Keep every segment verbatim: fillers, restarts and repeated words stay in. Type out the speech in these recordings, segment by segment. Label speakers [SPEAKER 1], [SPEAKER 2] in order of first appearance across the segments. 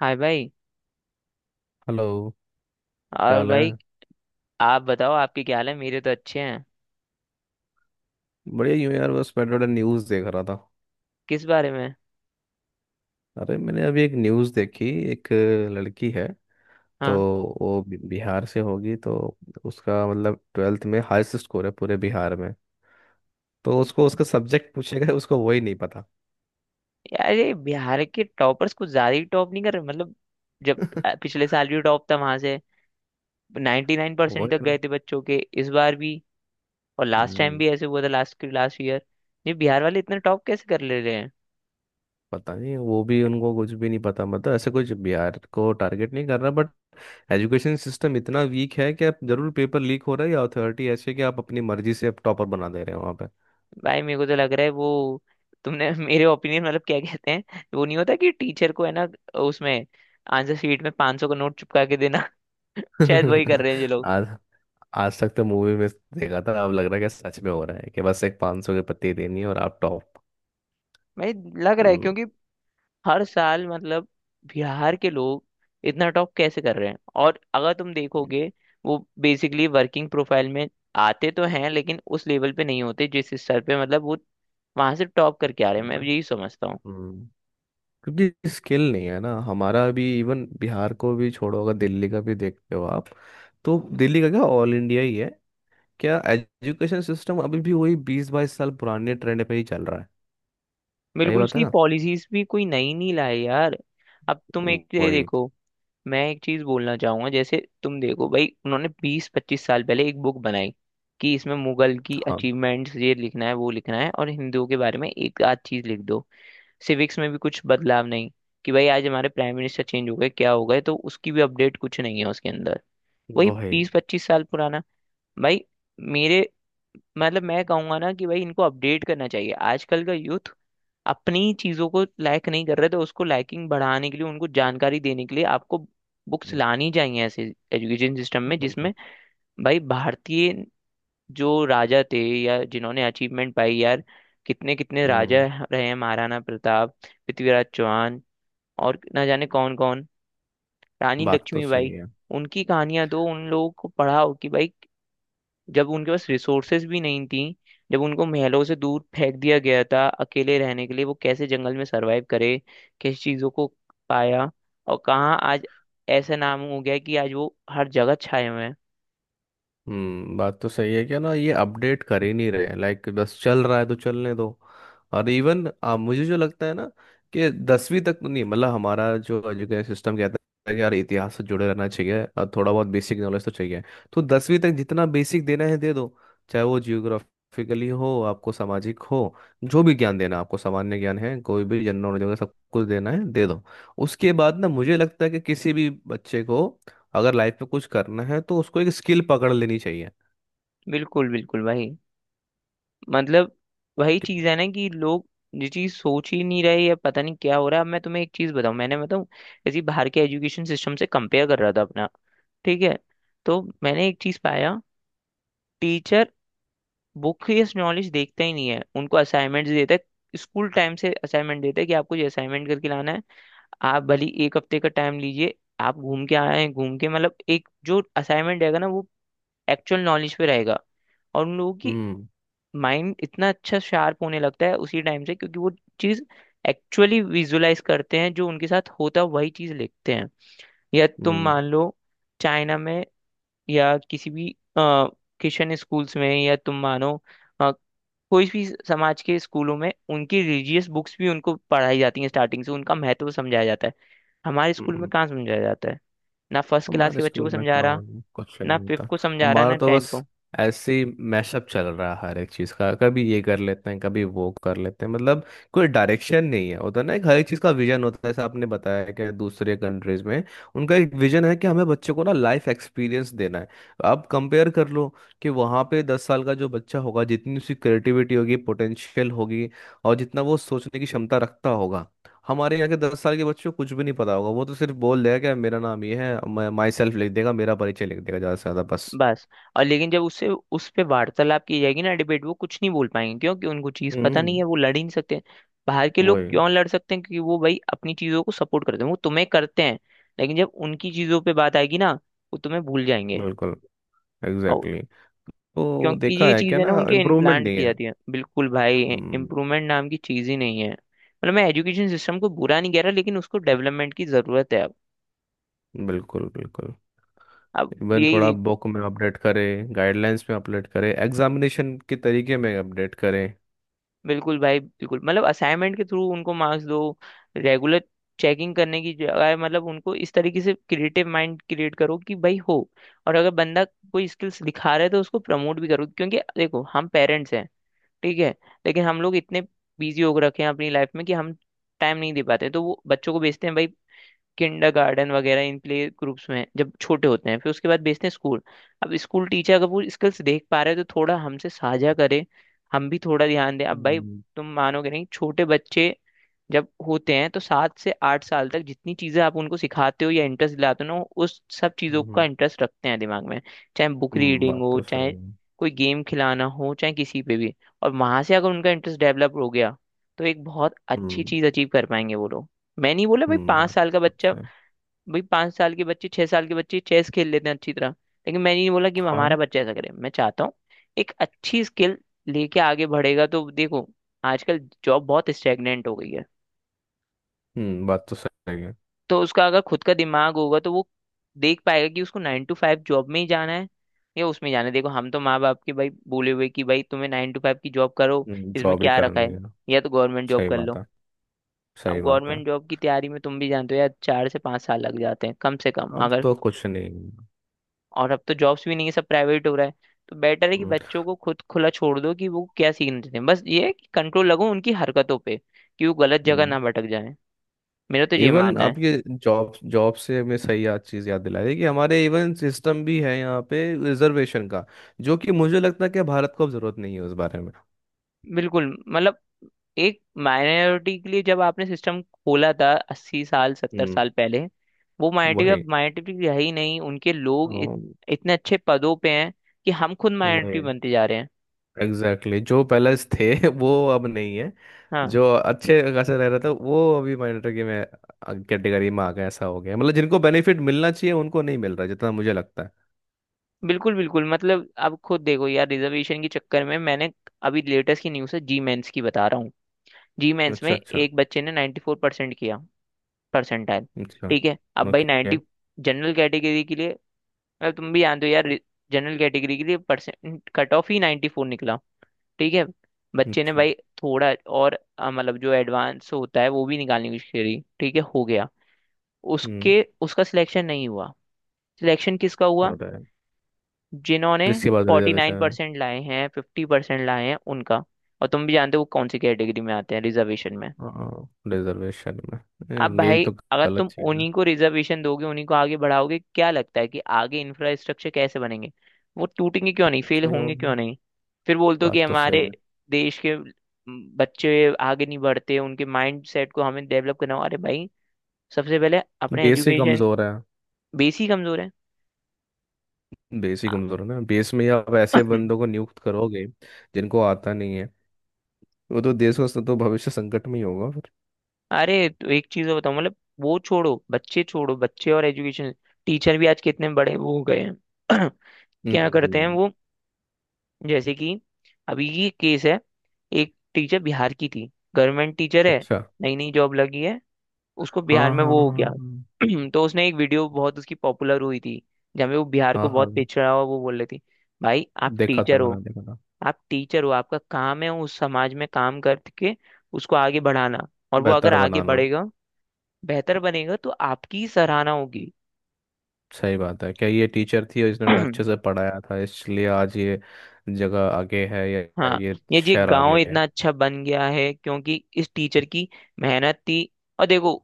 [SPEAKER 1] हाय भाई।
[SPEAKER 2] हेलो। क्या
[SPEAKER 1] और
[SPEAKER 2] हाल है।
[SPEAKER 1] भाई आप बताओ, आपके क्या हाल है? मेरे तो अच्छे हैं।
[SPEAKER 2] बढ़िया ही हूँ यार, बस बैठे बैठे न्यूज़ देख रहा था।
[SPEAKER 1] किस बारे में?
[SPEAKER 2] अरे मैंने अभी एक न्यूज़ देखी, एक लड़की है, तो
[SPEAKER 1] हाँ।
[SPEAKER 2] वो बि- बिहार से होगी, तो उसका मतलब ट्वेल्थ में हाईएस्ट स्कोर है पूरे बिहार में। तो उसको उसका सब्जेक्ट पूछेगा, उसको वही नहीं पता।
[SPEAKER 1] यार, ये बिहार के टॉपर्स कुछ ज्यादा ही टॉप नहीं कर रहे, मतलब जब अ, पिछले साल भी टॉप था वहां से। नाइंटी नाइन परसेंट
[SPEAKER 2] वो
[SPEAKER 1] नाइन परसेंट
[SPEAKER 2] है
[SPEAKER 1] तक
[SPEAKER 2] ना।
[SPEAKER 1] गए थे बच्चों के, इस बार भी। और लास्ट टाइम
[SPEAKER 2] हम्म।
[SPEAKER 1] भी ऐसे हुआ था, लास्ट लास्ट ईयर। ये बिहार वाले इतना टॉप कैसे कर ले रहे हैं?
[SPEAKER 2] पता नहीं, वो भी उनको कुछ भी नहीं पता, मतलब ऐसे कुछ बिहार को टारगेट नहीं कर रहा, बट एजुकेशन सिस्टम इतना वीक है कि आप जरूर पेपर लीक हो रहा है या अथॉरिटी ऐसे कि आप अपनी मर्जी से आप टॉपर बना दे रहे हो वहाँ।
[SPEAKER 1] भाई, मेरे को तो लग रहा है वो तुमने मेरे ओपिनियन, मतलब क्या कहते हैं वो, नहीं होता कि टीचर को, है ना, उसमें आंसर शीट में पाँच सौ का नोट चिपका के देना। शायद वही कर रहे हैं ये।
[SPEAKER 2] आज, आज तक तो मूवी में देखा था, अब लग रहा है कि सच में हो रहा है कि बस एक पाँच सौ की पत्ती देनी है और आप टॉप।
[SPEAKER 1] भाई, लग रहा है
[SPEAKER 2] हम्म,
[SPEAKER 1] क्योंकि हर साल, मतलब बिहार के लोग इतना टॉप कैसे कर रहे हैं? और अगर तुम देखोगे, वो बेसिकली वर्किंग प्रोफाइल में आते तो हैं, लेकिन उस लेवल पे नहीं होते जिस स्तर पे, मतलब वो वहां से टॉप करके आ रहे हैं। मैं यही समझता हूँ।
[SPEAKER 2] हम्म। क्योंकि स्किल नहीं है ना, हमारा भी इवन बिहार को भी छोड़ो, अगर दिल्ली का भी देखते हो आप, तो दिल्ली का क्या, ऑल इंडिया ही है, क्या एजुकेशन सिस्टम अभी भी वही बीस बाईस साल पुराने ट्रेंड पे ही चल रहा है। सही
[SPEAKER 1] बिल्कुल,
[SPEAKER 2] बात है
[SPEAKER 1] उसकी
[SPEAKER 2] ना।
[SPEAKER 1] पॉलिसीज भी कोई नई नहीं लाए यार। अब तुम एक ये
[SPEAKER 2] वही।
[SPEAKER 1] देखो, मैं एक चीज बोलना चाहूंगा। जैसे तुम देखो भाई, उन्होंने बीस पच्चीस साल पहले एक बुक बनाई कि इसमें मुगल की
[SPEAKER 2] हाँ।
[SPEAKER 1] अचीवमेंट्स ये लिखना है वो लिखना है, और हिंदुओं के बारे में एक आध चीज लिख दो। सिविक्स में भी कुछ बदलाव नहीं, कि भाई आज हमारे प्राइम मिनिस्टर चेंज हो गए क्या हो गए, तो उसकी भी अपडेट कुछ नहीं है उसके अंदर। वही
[SPEAKER 2] वही।
[SPEAKER 1] बीस पच्चीस साल पुराना। भाई मेरे, मतलब मैं कहूंगा ना कि भाई इनको अपडेट करना चाहिए। आजकल का यूथ अपनी चीजों को लायक नहीं कर रहे, तो उसको लाइकिंग बढ़ाने के लिए, उनको जानकारी देने के लिए आपको बुक्स लानी चाहिए ऐसे एजुकेशन सिस्टम में, जिसमें भाई भारतीय जो राजा थे या जिन्होंने अचीवमेंट पाई यार, कितने कितने राजा
[SPEAKER 2] हम्म,
[SPEAKER 1] रहे हैं — महाराणा प्रताप, पृथ्वीराज चौहान, और ना जाने कौन कौन, रानी
[SPEAKER 2] बात तो सही
[SPEAKER 1] लक्ष्मीबाई।
[SPEAKER 2] है।
[SPEAKER 1] उनकी कहानियां दो, उन लोगों को पढ़ाओ कि भाई जब उनके पास रिसोर्सेज भी नहीं थी, जब उनको महलों से दूर फेंक दिया गया था अकेले रहने के लिए, वो कैसे जंगल में सरवाइव करे, किस चीज़ों को पाया, और कहाँ आज ऐसा नाम हो गया कि आज वो हर जगह छाए हुए हैं।
[SPEAKER 2] हम्म, बात तो सही है, क्या ना, ये अपडेट कर ही नहीं रहे, लाइक बस चल रहा है तो चलने दो। और इवन आ, मुझे जो लगता है ना कि दसवीं तक तो नहीं, मतलब हमारा जो एजुकेशन सिस्टम कहता है कि यार इतिहास से जुड़े रहना चाहिए और थोड़ा बहुत बेसिक नॉलेज तो चाहिए, तो दसवीं तक जितना बेसिक देना है दे दो, चाहे वो जियोग्राफिकली हो, आपको सामाजिक हो, जो भी ज्ञान देना है, आपको सामान्य ज्ञान है, कोई भी जनरल नॉलेज वगैरह सब कुछ देना है दे दो। उसके बाद ना मुझे लगता है कि किसी भी बच्चे को अगर लाइफ में कुछ करना है तो उसको एक स्किल पकड़ लेनी चाहिए।
[SPEAKER 1] बिल्कुल बिल्कुल भाई, मतलब वही
[SPEAKER 2] कि-
[SPEAKER 1] चीज़ है ना कि लोग ये चीज़ सोच ही नहीं रहे, या पता नहीं क्या हो रहा है। अब मैं तुम्हें एक चीज़ बताऊँ, मैंने बताऊँ इसी बाहर के एजुकेशन सिस्टम से कंपेयर कर रहा था अपना। ठीक है? तो मैंने एक चीज़ पाया — टीचर वो केस नॉलेज देखता ही नहीं है, उनको असाइनमेंट देता है। स्कूल टाइम से असाइनमेंट देता है कि आपको ये असाइनमेंट करके लाना है, आप भली एक हफ्ते का टाइम लीजिए, आप घूम के आए हैं घूम के, मतलब एक जो असाइनमेंट रहेगा ना, वो एक्चुअल नॉलेज पे रहेगा। और उन लोगों की
[SPEAKER 2] हम्म।
[SPEAKER 1] माइंड इतना अच्छा शार्प होने लगता है उसी टाइम से, क्योंकि वो चीज़ एक्चुअली विजुलाइज करते हैं जो उनके साथ होता है, वही चीज़ लिखते हैं। या तुम
[SPEAKER 2] हम्म।
[SPEAKER 1] मान लो चाइना में या किसी भी क्रिश्चियन स्कूल्स में, या तुम मानो कोई भी समाज के स्कूलों में, उनकी रिलीजियस बुक्स भी उनको पढ़ाई जाती हैं स्टार्टिंग से, उनका महत्व समझाया जाता है। हमारे स्कूल में
[SPEAKER 2] हम्म।
[SPEAKER 1] कहाँ समझाया जाता है? ना फर्स्ट क्लास
[SPEAKER 2] हमारे
[SPEAKER 1] के बच्चों को
[SPEAKER 2] स्कूल में
[SPEAKER 1] समझा रहा,
[SPEAKER 2] कहाँ कुछ
[SPEAKER 1] ना
[SPEAKER 2] नहीं
[SPEAKER 1] फिफ्थ
[SPEAKER 2] होता।
[SPEAKER 1] को समझा रहा,
[SPEAKER 2] हमारा
[SPEAKER 1] ना
[SPEAKER 2] तो
[SPEAKER 1] टेंथ
[SPEAKER 2] बस
[SPEAKER 1] को।
[SPEAKER 2] ऐसे ही मैशअप चल रहा है हर एक चीज़ का, कभी ये कर लेते हैं कभी वो कर लेते हैं, मतलब कोई डायरेक्शन नहीं है होता ना, एक हर एक चीज़ का विजन होता है जैसे आपने बताया कि दूसरे कंट्रीज में उनका एक विजन है कि हमें बच्चों को ना लाइफ एक्सपीरियंस देना है। आप कंपेयर कर लो कि वहाँ पे दस साल का जो बच्चा होगा, जितनी उसकी क्रिएटिविटी होगी पोटेंशियल होगी और जितना वो सोचने की क्षमता रखता होगा, हमारे यहाँ के दस साल के बच्चों को कुछ भी नहीं पता होगा, वो तो सिर्फ बोल देगा कि मेरा नाम ये है, मैं माई सेल्फ लिख देगा, मेरा परिचय लिख देगा ज़्यादा से ज़्यादा बस।
[SPEAKER 1] बस। और लेकिन जब उससे उस पे वार्तालाप की जाएगी ना, डिबेट, वो कुछ नहीं बोल पाएंगे क्योंकि उनको चीज़ पता नहीं
[SPEAKER 2] हम्म।
[SPEAKER 1] है, वो लड़ ही नहीं सकते। बाहर के लोग
[SPEAKER 2] वही।
[SPEAKER 1] क्यों लड़ सकते हैं? क्योंकि वो भाई अपनी चीज़ों को सपोर्ट करते हैं, वो तुम्हें करते हैं। लेकिन जब उनकी चीज़ों पे बात आएगी ना, वो तुम्हें भूल जाएंगे।
[SPEAKER 2] बिल्कुल। Exactly exactly। तो
[SPEAKER 1] क्योंकि
[SPEAKER 2] देखा
[SPEAKER 1] ये
[SPEAKER 2] है क्या
[SPEAKER 1] चीज़ें
[SPEAKER 2] ना,
[SPEAKER 1] ना उनके
[SPEAKER 2] इम्प्रूवमेंट
[SPEAKER 1] इम्प्लांट
[SPEAKER 2] नहीं
[SPEAKER 1] की
[SPEAKER 2] है।
[SPEAKER 1] जाती है, बिल्कुल भाई।
[SPEAKER 2] हम्म।
[SPEAKER 1] इम्प्रूवमेंट नाम की चीज़ ही नहीं है, मतलब मैं एजुकेशन सिस्टम को बुरा नहीं कह रहा, लेकिन उसको डेवलपमेंट की ज़रूरत है अब।
[SPEAKER 2] बिल्कुल बिल्कुल।
[SPEAKER 1] अब
[SPEAKER 2] इवन
[SPEAKER 1] यही
[SPEAKER 2] थोड़ा
[SPEAKER 1] देख,
[SPEAKER 2] बुक में अपडेट करें, गाइडलाइंस में अपडेट करें, एग्जामिनेशन के तरीके में अपडेट करें।
[SPEAKER 1] बिल्कुल भाई बिल्कुल, मतलब असाइनमेंट के थ्रू उनको मार्क्स दो, रेगुलर चेकिंग करने की जगह। मतलब उनको इस तरीके से क्रिएटिव माइंड क्रिएट करो कि भाई हो। और अगर बंदा कोई स्किल्स दिखा रहा है तो उसको प्रमोट भी करो, क्योंकि देखो हम पेरेंट्स हैं, ठीक है, लेकिन हम लोग इतने बिजी हो रखे हैं अपनी लाइफ में कि हम टाइम नहीं दे पाते, तो वो बच्चों को भेजते हैं भाई किंडरगार्टन वगैरह इन प्ले ग्रुप्स में, हैं, जब छोटे होते हैं, फिर उसके बाद भेजते हैं स्कूल। अब स्कूल टीचर अगर वो स्किल्स देख पा रहे हैं तो थोड़ा हमसे साझा करे, हम भी थोड़ा ध्यान दें अब भाई।
[SPEAKER 2] हम्म,
[SPEAKER 1] तुम मानोगे नहीं, छोटे बच्चे जब होते हैं तो सात से आठ साल तक जितनी चीजें आप उनको सिखाते हो या इंटरेस्ट दिलाते हो ना, वो उस सब चीजों का
[SPEAKER 2] हम्म,
[SPEAKER 1] इंटरेस्ट रखते हैं दिमाग में। चाहे बुक
[SPEAKER 2] हम्म,
[SPEAKER 1] रीडिंग
[SPEAKER 2] बात
[SPEAKER 1] हो,
[SPEAKER 2] तो
[SPEAKER 1] चाहे
[SPEAKER 2] सही है।
[SPEAKER 1] कोई गेम खिलाना हो, चाहे किसी पे भी। और वहां से अगर उनका इंटरेस्ट डेवलप हो गया तो एक बहुत अच्छी
[SPEAKER 2] हम्म।
[SPEAKER 1] चीज अचीव कर पाएंगे वो लोग। मैं नहीं बोला भाई
[SPEAKER 2] हम्म,
[SPEAKER 1] पाँच
[SPEAKER 2] बात
[SPEAKER 1] साल का
[SPEAKER 2] तो
[SPEAKER 1] बच्चा,
[SPEAKER 2] सही।
[SPEAKER 1] भाई पांच साल की बच्ची, छह साल की बच्ची चेस खेल लेते हैं अच्छी तरह। लेकिन मैंने नहीं बोला कि हमारा
[SPEAKER 2] हाँ।
[SPEAKER 1] बच्चा ऐसा करे, मैं चाहता हूँ एक अच्छी स्किल लेके आगे बढ़ेगा तो देखो, आजकल जॉब बहुत स्टेगनेंट हो गई है।
[SPEAKER 2] हम्म, बात तो सही है।
[SPEAKER 1] तो उसका अगर खुद का दिमाग होगा तो वो देख पाएगा कि उसको नाइन टू फाइव जॉब में ही जाना है या उसमें जाना है। देखो, हम तो माँ बाप के भाई बोले हुए कि भाई तुम्हें नाइन टू फाइव की जॉब करो, इसमें
[SPEAKER 2] जॉब ही
[SPEAKER 1] क्या रखा है,
[SPEAKER 2] करनी है।
[SPEAKER 1] या तो गवर्नमेंट जॉब
[SPEAKER 2] सही
[SPEAKER 1] कर
[SPEAKER 2] बात
[SPEAKER 1] लो।
[SPEAKER 2] है।
[SPEAKER 1] अब
[SPEAKER 2] सही बात है।
[SPEAKER 1] गवर्नमेंट जॉब की तैयारी में तुम भी जानते हो यार, चार से पांच साल लग जाते हैं कम से कम,
[SPEAKER 2] अब
[SPEAKER 1] अगर।
[SPEAKER 2] तो कुछ नहीं।
[SPEAKER 1] और अब तो जॉब्स भी नहीं है, सब प्राइवेट हो रहा है। तो बेटर है कि
[SPEAKER 2] हम्म,
[SPEAKER 1] बच्चों को खुद खुला छोड़ दो कि वो क्या सीखना चाहते हैं। बस ये है कि कंट्रोल लगो उनकी हरकतों पे, कि वो गलत जगह
[SPEAKER 2] हम्म।
[SPEAKER 1] ना भटक जाए। मेरा तो ये
[SPEAKER 2] इवन
[SPEAKER 1] मानना है।
[SPEAKER 2] आपके जॉब जॉब से हमें सही याद चीज़ याद दिला रही है कि हमारे इवन सिस्टम भी है यहाँ पे रिजर्वेशन का, जो कि मुझे लगता है कि भारत को अब जरूरत नहीं है उस बारे में।
[SPEAKER 1] बिल्कुल, मतलब एक माइनॉरिटी के लिए जब आपने सिस्टम खोला था अस्सी साल सत्तर
[SPEAKER 2] हम्म।
[SPEAKER 1] साल पहले, वो माइनॉरिटी
[SPEAKER 2] वही।
[SPEAKER 1] अब माइनॉरिटी रही नहीं, उनके लोग इत,
[SPEAKER 2] अम,
[SPEAKER 1] इतने अच्छे पदों पे हैं कि हम खुद माइनॉरिटी
[SPEAKER 2] वही।
[SPEAKER 1] बनते जा रहे हैं।
[SPEAKER 2] Exactly exactly। जो पहले थे वो अब नहीं है।
[SPEAKER 1] हाँ,
[SPEAKER 2] जो अच्छे खासे रह रहा था वो अभी माइनॉरिटी में कैटेगरी में आ गया, ऐसा हो गया, मतलब जिनको बेनिफिट मिलना चाहिए उनको नहीं मिल रहा जितना मुझे लगता है।
[SPEAKER 1] बिल्कुल बिल्कुल। मतलब आप खुद देखो यार, रिजर्वेशन के चक्कर में। मैंने अभी लेटेस्ट की न्यूज़ है, जी मेंस की बता रहा हूँ। जी मेंस में
[SPEAKER 2] अच्छा, अच्छा।
[SPEAKER 1] एक बच्चे ने नाइंटी फोर परसेंट किया, परसेंटाइल।
[SPEAKER 2] अच्छा।
[SPEAKER 1] ठीक है? अब भाई
[SPEAKER 2] ओके।
[SPEAKER 1] नाइंटी जनरल कैटेगरी के लिए, मतलब तुम भी जानते हो यार, जनरल कैटेगरी के लिए परसेंट कट ऑफ ही नाइंटी फोर निकला। ठीक है? बच्चे ने
[SPEAKER 2] अच्छा।
[SPEAKER 1] भाई थोड़ा और अ, मतलब जो एडवांस होता है वो भी निकालने की कोशिश करी, ठीक है, हो गया।
[SPEAKER 2] हम्म।
[SPEAKER 1] उसके, उसका सिलेक्शन नहीं हुआ। सिलेक्शन किसका हुआ?
[SPEAKER 2] होता है।
[SPEAKER 1] जिन्होंने
[SPEAKER 2] जिसके बाद
[SPEAKER 1] फोर्टी नाइन
[SPEAKER 2] रिजर्वेशन।
[SPEAKER 1] परसेंट लाए हैं, फिफ्टी परसेंट लाए हैं उनका। और तुम भी जानते हो वो कौन सी कैटेगरी में आते हैं रिजर्वेशन में।
[SPEAKER 2] रिजर्वेशन में,
[SPEAKER 1] अब
[SPEAKER 2] ए, यही
[SPEAKER 1] भाई,
[SPEAKER 2] तो
[SPEAKER 1] अगर
[SPEAKER 2] गलत
[SPEAKER 1] तुम
[SPEAKER 2] चीज है।
[SPEAKER 1] उन्हीं को रिजर्वेशन दोगे, उन्हीं को आगे बढ़ाओगे, क्या लगता है कि आगे इंफ्रास्ट्रक्चर कैसे बनेंगे? वो टूटेंगे क्यों नहीं?
[SPEAKER 2] कुछ
[SPEAKER 1] फेल
[SPEAKER 2] नहीं
[SPEAKER 1] होंगे क्यों
[SPEAKER 2] होगा।
[SPEAKER 1] नहीं? फिर बोलते हो कि
[SPEAKER 2] बात तो सही
[SPEAKER 1] हमारे
[SPEAKER 2] है।
[SPEAKER 1] देश के म, बच्चे आगे नहीं बढ़ते, उनके माइंड सेट को हमें डेवलप करना हो। अरे भाई, सबसे पहले अपने
[SPEAKER 2] बेस ही
[SPEAKER 1] एजुकेशन
[SPEAKER 2] कमजोर है।
[SPEAKER 1] बेस ही कमजोर है।
[SPEAKER 2] बेस ही कमजोर है ना, बेस में ही आप ऐसे बंदों को नियुक्त करोगे जिनको आता नहीं है, वो तो देश का तो भविष्य संकट में ही होगा फिर।
[SPEAKER 1] अरे, तो एक चीज और बताऊं, मतलब वो छोड़ो बच्चे, छोड़ो बच्चे और एजुकेशन, टीचर भी आज कितने बड़े वो हो गए हैं। क्या करते हैं
[SPEAKER 2] हम्म।
[SPEAKER 1] वो? जैसे कि अभी ये केस है, एक टीचर बिहार की थी, गवर्नमेंट टीचर है,
[SPEAKER 2] अच्छा।
[SPEAKER 1] नई नई जॉब लगी है, उसको
[SPEAKER 2] हाँ
[SPEAKER 1] बिहार में
[SPEAKER 2] हाँ
[SPEAKER 1] वो
[SPEAKER 2] हाँ
[SPEAKER 1] हो गया।
[SPEAKER 2] हाँ।
[SPEAKER 1] तो उसने एक वीडियो, बहुत उसकी पॉपुलर हुई थी, जहाँ पे वो बिहार को
[SPEAKER 2] हाँ हाँ
[SPEAKER 1] बहुत
[SPEAKER 2] हाँ,
[SPEAKER 1] पिछड़ा हुआ वो बोल रही थी। भाई आप
[SPEAKER 2] देखा था,
[SPEAKER 1] टीचर
[SPEAKER 2] मैंने
[SPEAKER 1] हो,
[SPEAKER 2] देखा था।
[SPEAKER 1] आप टीचर हो, आपका काम है उस समाज में काम करके उसको आगे बढ़ाना। और वो अगर
[SPEAKER 2] बेहतर
[SPEAKER 1] आगे
[SPEAKER 2] बनाना।
[SPEAKER 1] बढ़ेगा, बेहतर बनेगा, तो आपकी ही सराहना होगी।
[SPEAKER 2] सही बात है, क्या ये टीचर थी और इसने उन्हें अच्छे से पढ़ाया था इसलिए आज ये जगह आगे है, या या
[SPEAKER 1] हाँ,
[SPEAKER 2] ये
[SPEAKER 1] ये जी
[SPEAKER 2] शहर
[SPEAKER 1] गांव
[SPEAKER 2] आगे है।
[SPEAKER 1] इतना अच्छा बन गया है क्योंकि इस टीचर की मेहनत थी। और देखो,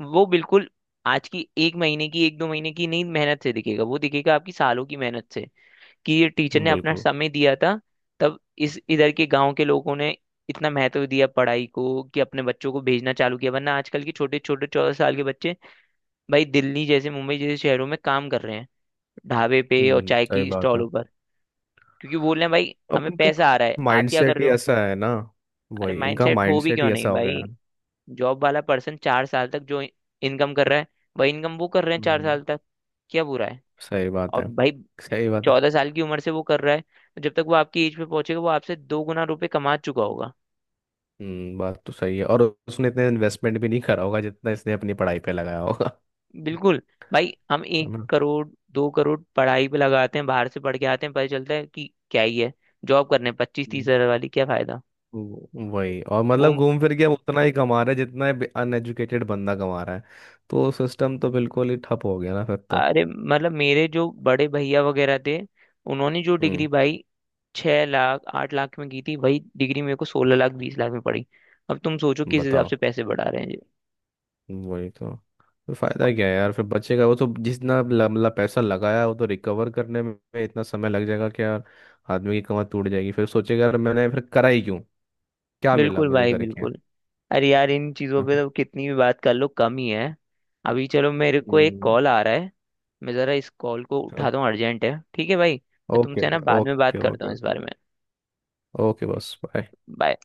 [SPEAKER 1] वो बिल्कुल आज की एक महीने की, एक दो महीने की नहीं मेहनत से दिखेगा, वो दिखेगा आपकी सालों की मेहनत से कि ये टीचर ने अपना
[SPEAKER 2] बिल्कुल।
[SPEAKER 1] समय दिया था। तब इस इधर के गांव के लोगों ने इतना महत्व दिया पढ़ाई को कि अपने बच्चों को भेजना चालू किया। वरना आजकल के छोटे छोटे चौदह साल के बच्चे भाई दिल्ली जैसे, मुंबई जैसे शहरों में काम कर रहे हैं, ढाबे पे और
[SPEAKER 2] हम्म,
[SPEAKER 1] चाय
[SPEAKER 2] सही
[SPEAKER 1] की
[SPEAKER 2] बात है।
[SPEAKER 1] स्टॉलों पर, क्योंकि बोल रहे हैं भाई
[SPEAKER 2] अब
[SPEAKER 1] हमें
[SPEAKER 2] इनका
[SPEAKER 1] पैसा आ रहा है, आप क्या कर
[SPEAKER 2] माइंडसेट ही
[SPEAKER 1] रहे हो?
[SPEAKER 2] ऐसा है ना।
[SPEAKER 1] अरे
[SPEAKER 2] वही, इनका
[SPEAKER 1] माइंडसेट हो भी
[SPEAKER 2] माइंडसेट
[SPEAKER 1] क्यों
[SPEAKER 2] ही
[SPEAKER 1] नहीं
[SPEAKER 2] ऐसा हो गया
[SPEAKER 1] भाई?
[SPEAKER 2] है।
[SPEAKER 1] जॉब वाला पर्सन चार साल तक जो इनकम कर रहा है, वही इनकम वो कर रहे हैं चार
[SPEAKER 2] हम्म,
[SPEAKER 1] साल तक। क्या बुरा है?
[SPEAKER 2] सही बात
[SPEAKER 1] और
[SPEAKER 2] है।
[SPEAKER 1] भाई
[SPEAKER 2] सही बात है।
[SPEAKER 1] चौदह साल की उम्र से वो कर रहा है, तो जब तक वो आपकी एज पे पहुंचेगा, वो आपसे दो गुना रुपए कमा चुका होगा।
[SPEAKER 2] हम्म, बात तो सही है और उसने इतने इन्वेस्टमेंट भी नहीं करा होगा जितना इसने अपनी पढ़ाई पे लगाया होगा।
[SPEAKER 1] बिल्कुल भाई, हम एक
[SPEAKER 2] है
[SPEAKER 1] करोड़ दो करोड़ पढ़ाई पे लगाते हैं, बाहर से पढ़ के आते हैं, पता चलता है कि क्या ही है जॉब करने, पच्चीस तीस
[SPEAKER 2] ना।
[SPEAKER 1] हजार वाली, क्या फायदा?
[SPEAKER 2] वो- वही, और मतलब घूम फिर के हम उतना ही कमा रहे हैं जितना अनएजुकेटेड बंदा कमा रहा है, तो सिस्टम तो बिल्कुल ही ठप हो गया ना फिर तो।
[SPEAKER 1] अरे मतलब मेरे जो बड़े भैया वगैरह थे, उन्होंने जो डिग्री
[SPEAKER 2] हम्म।
[SPEAKER 1] भाई छह लाख आठ लाख में की थी, वही डिग्री मेरे को सोलह लाख बीस लाख में पड़ी। अब तुम सोचो किस हिसाब
[SPEAKER 2] बताओ।
[SPEAKER 1] से पैसे बढ़ा रहे हैं जी।
[SPEAKER 2] वही तो। फिर फायदा क्या है यार, फिर बच्चे का वो तो जितना ल- मतलब पैसा लगाया, वो तो रिकवर करने में इतना समय लग जाएगा कि यार आदमी की कमर टूट जाएगी, फिर सोचेगा यार मैंने फिर करा ही क्यों, क्या मिला
[SPEAKER 1] बिल्कुल
[SPEAKER 2] मुझे
[SPEAKER 1] भाई
[SPEAKER 2] करके।
[SPEAKER 1] बिल्कुल। अरे यार, इन चीज़ों पे तो कितनी भी बात कर लो कम ही है। अभी चलो, मेरे को एक
[SPEAKER 2] हम्म।
[SPEAKER 1] कॉल आ रहा है, मैं ज़रा इस कॉल को
[SPEAKER 2] ओके।
[SPEAKER 1] उठाता हूँ, अर्जेंट है। ठीक है भाई, मैं
[SPEAKER 2] ओके।
[SPEAKER 1] तुमसे, है ना, बाद में बात
[SPEAKER 2] ओके
[SPEAKER 1] करता हूँ
[SPEAKER 2] ओके।
[SPEAKER 1] इस बारे में।
[SPEAKER 2] ओके, बस बाय।
[SPEAKER 1] बाय।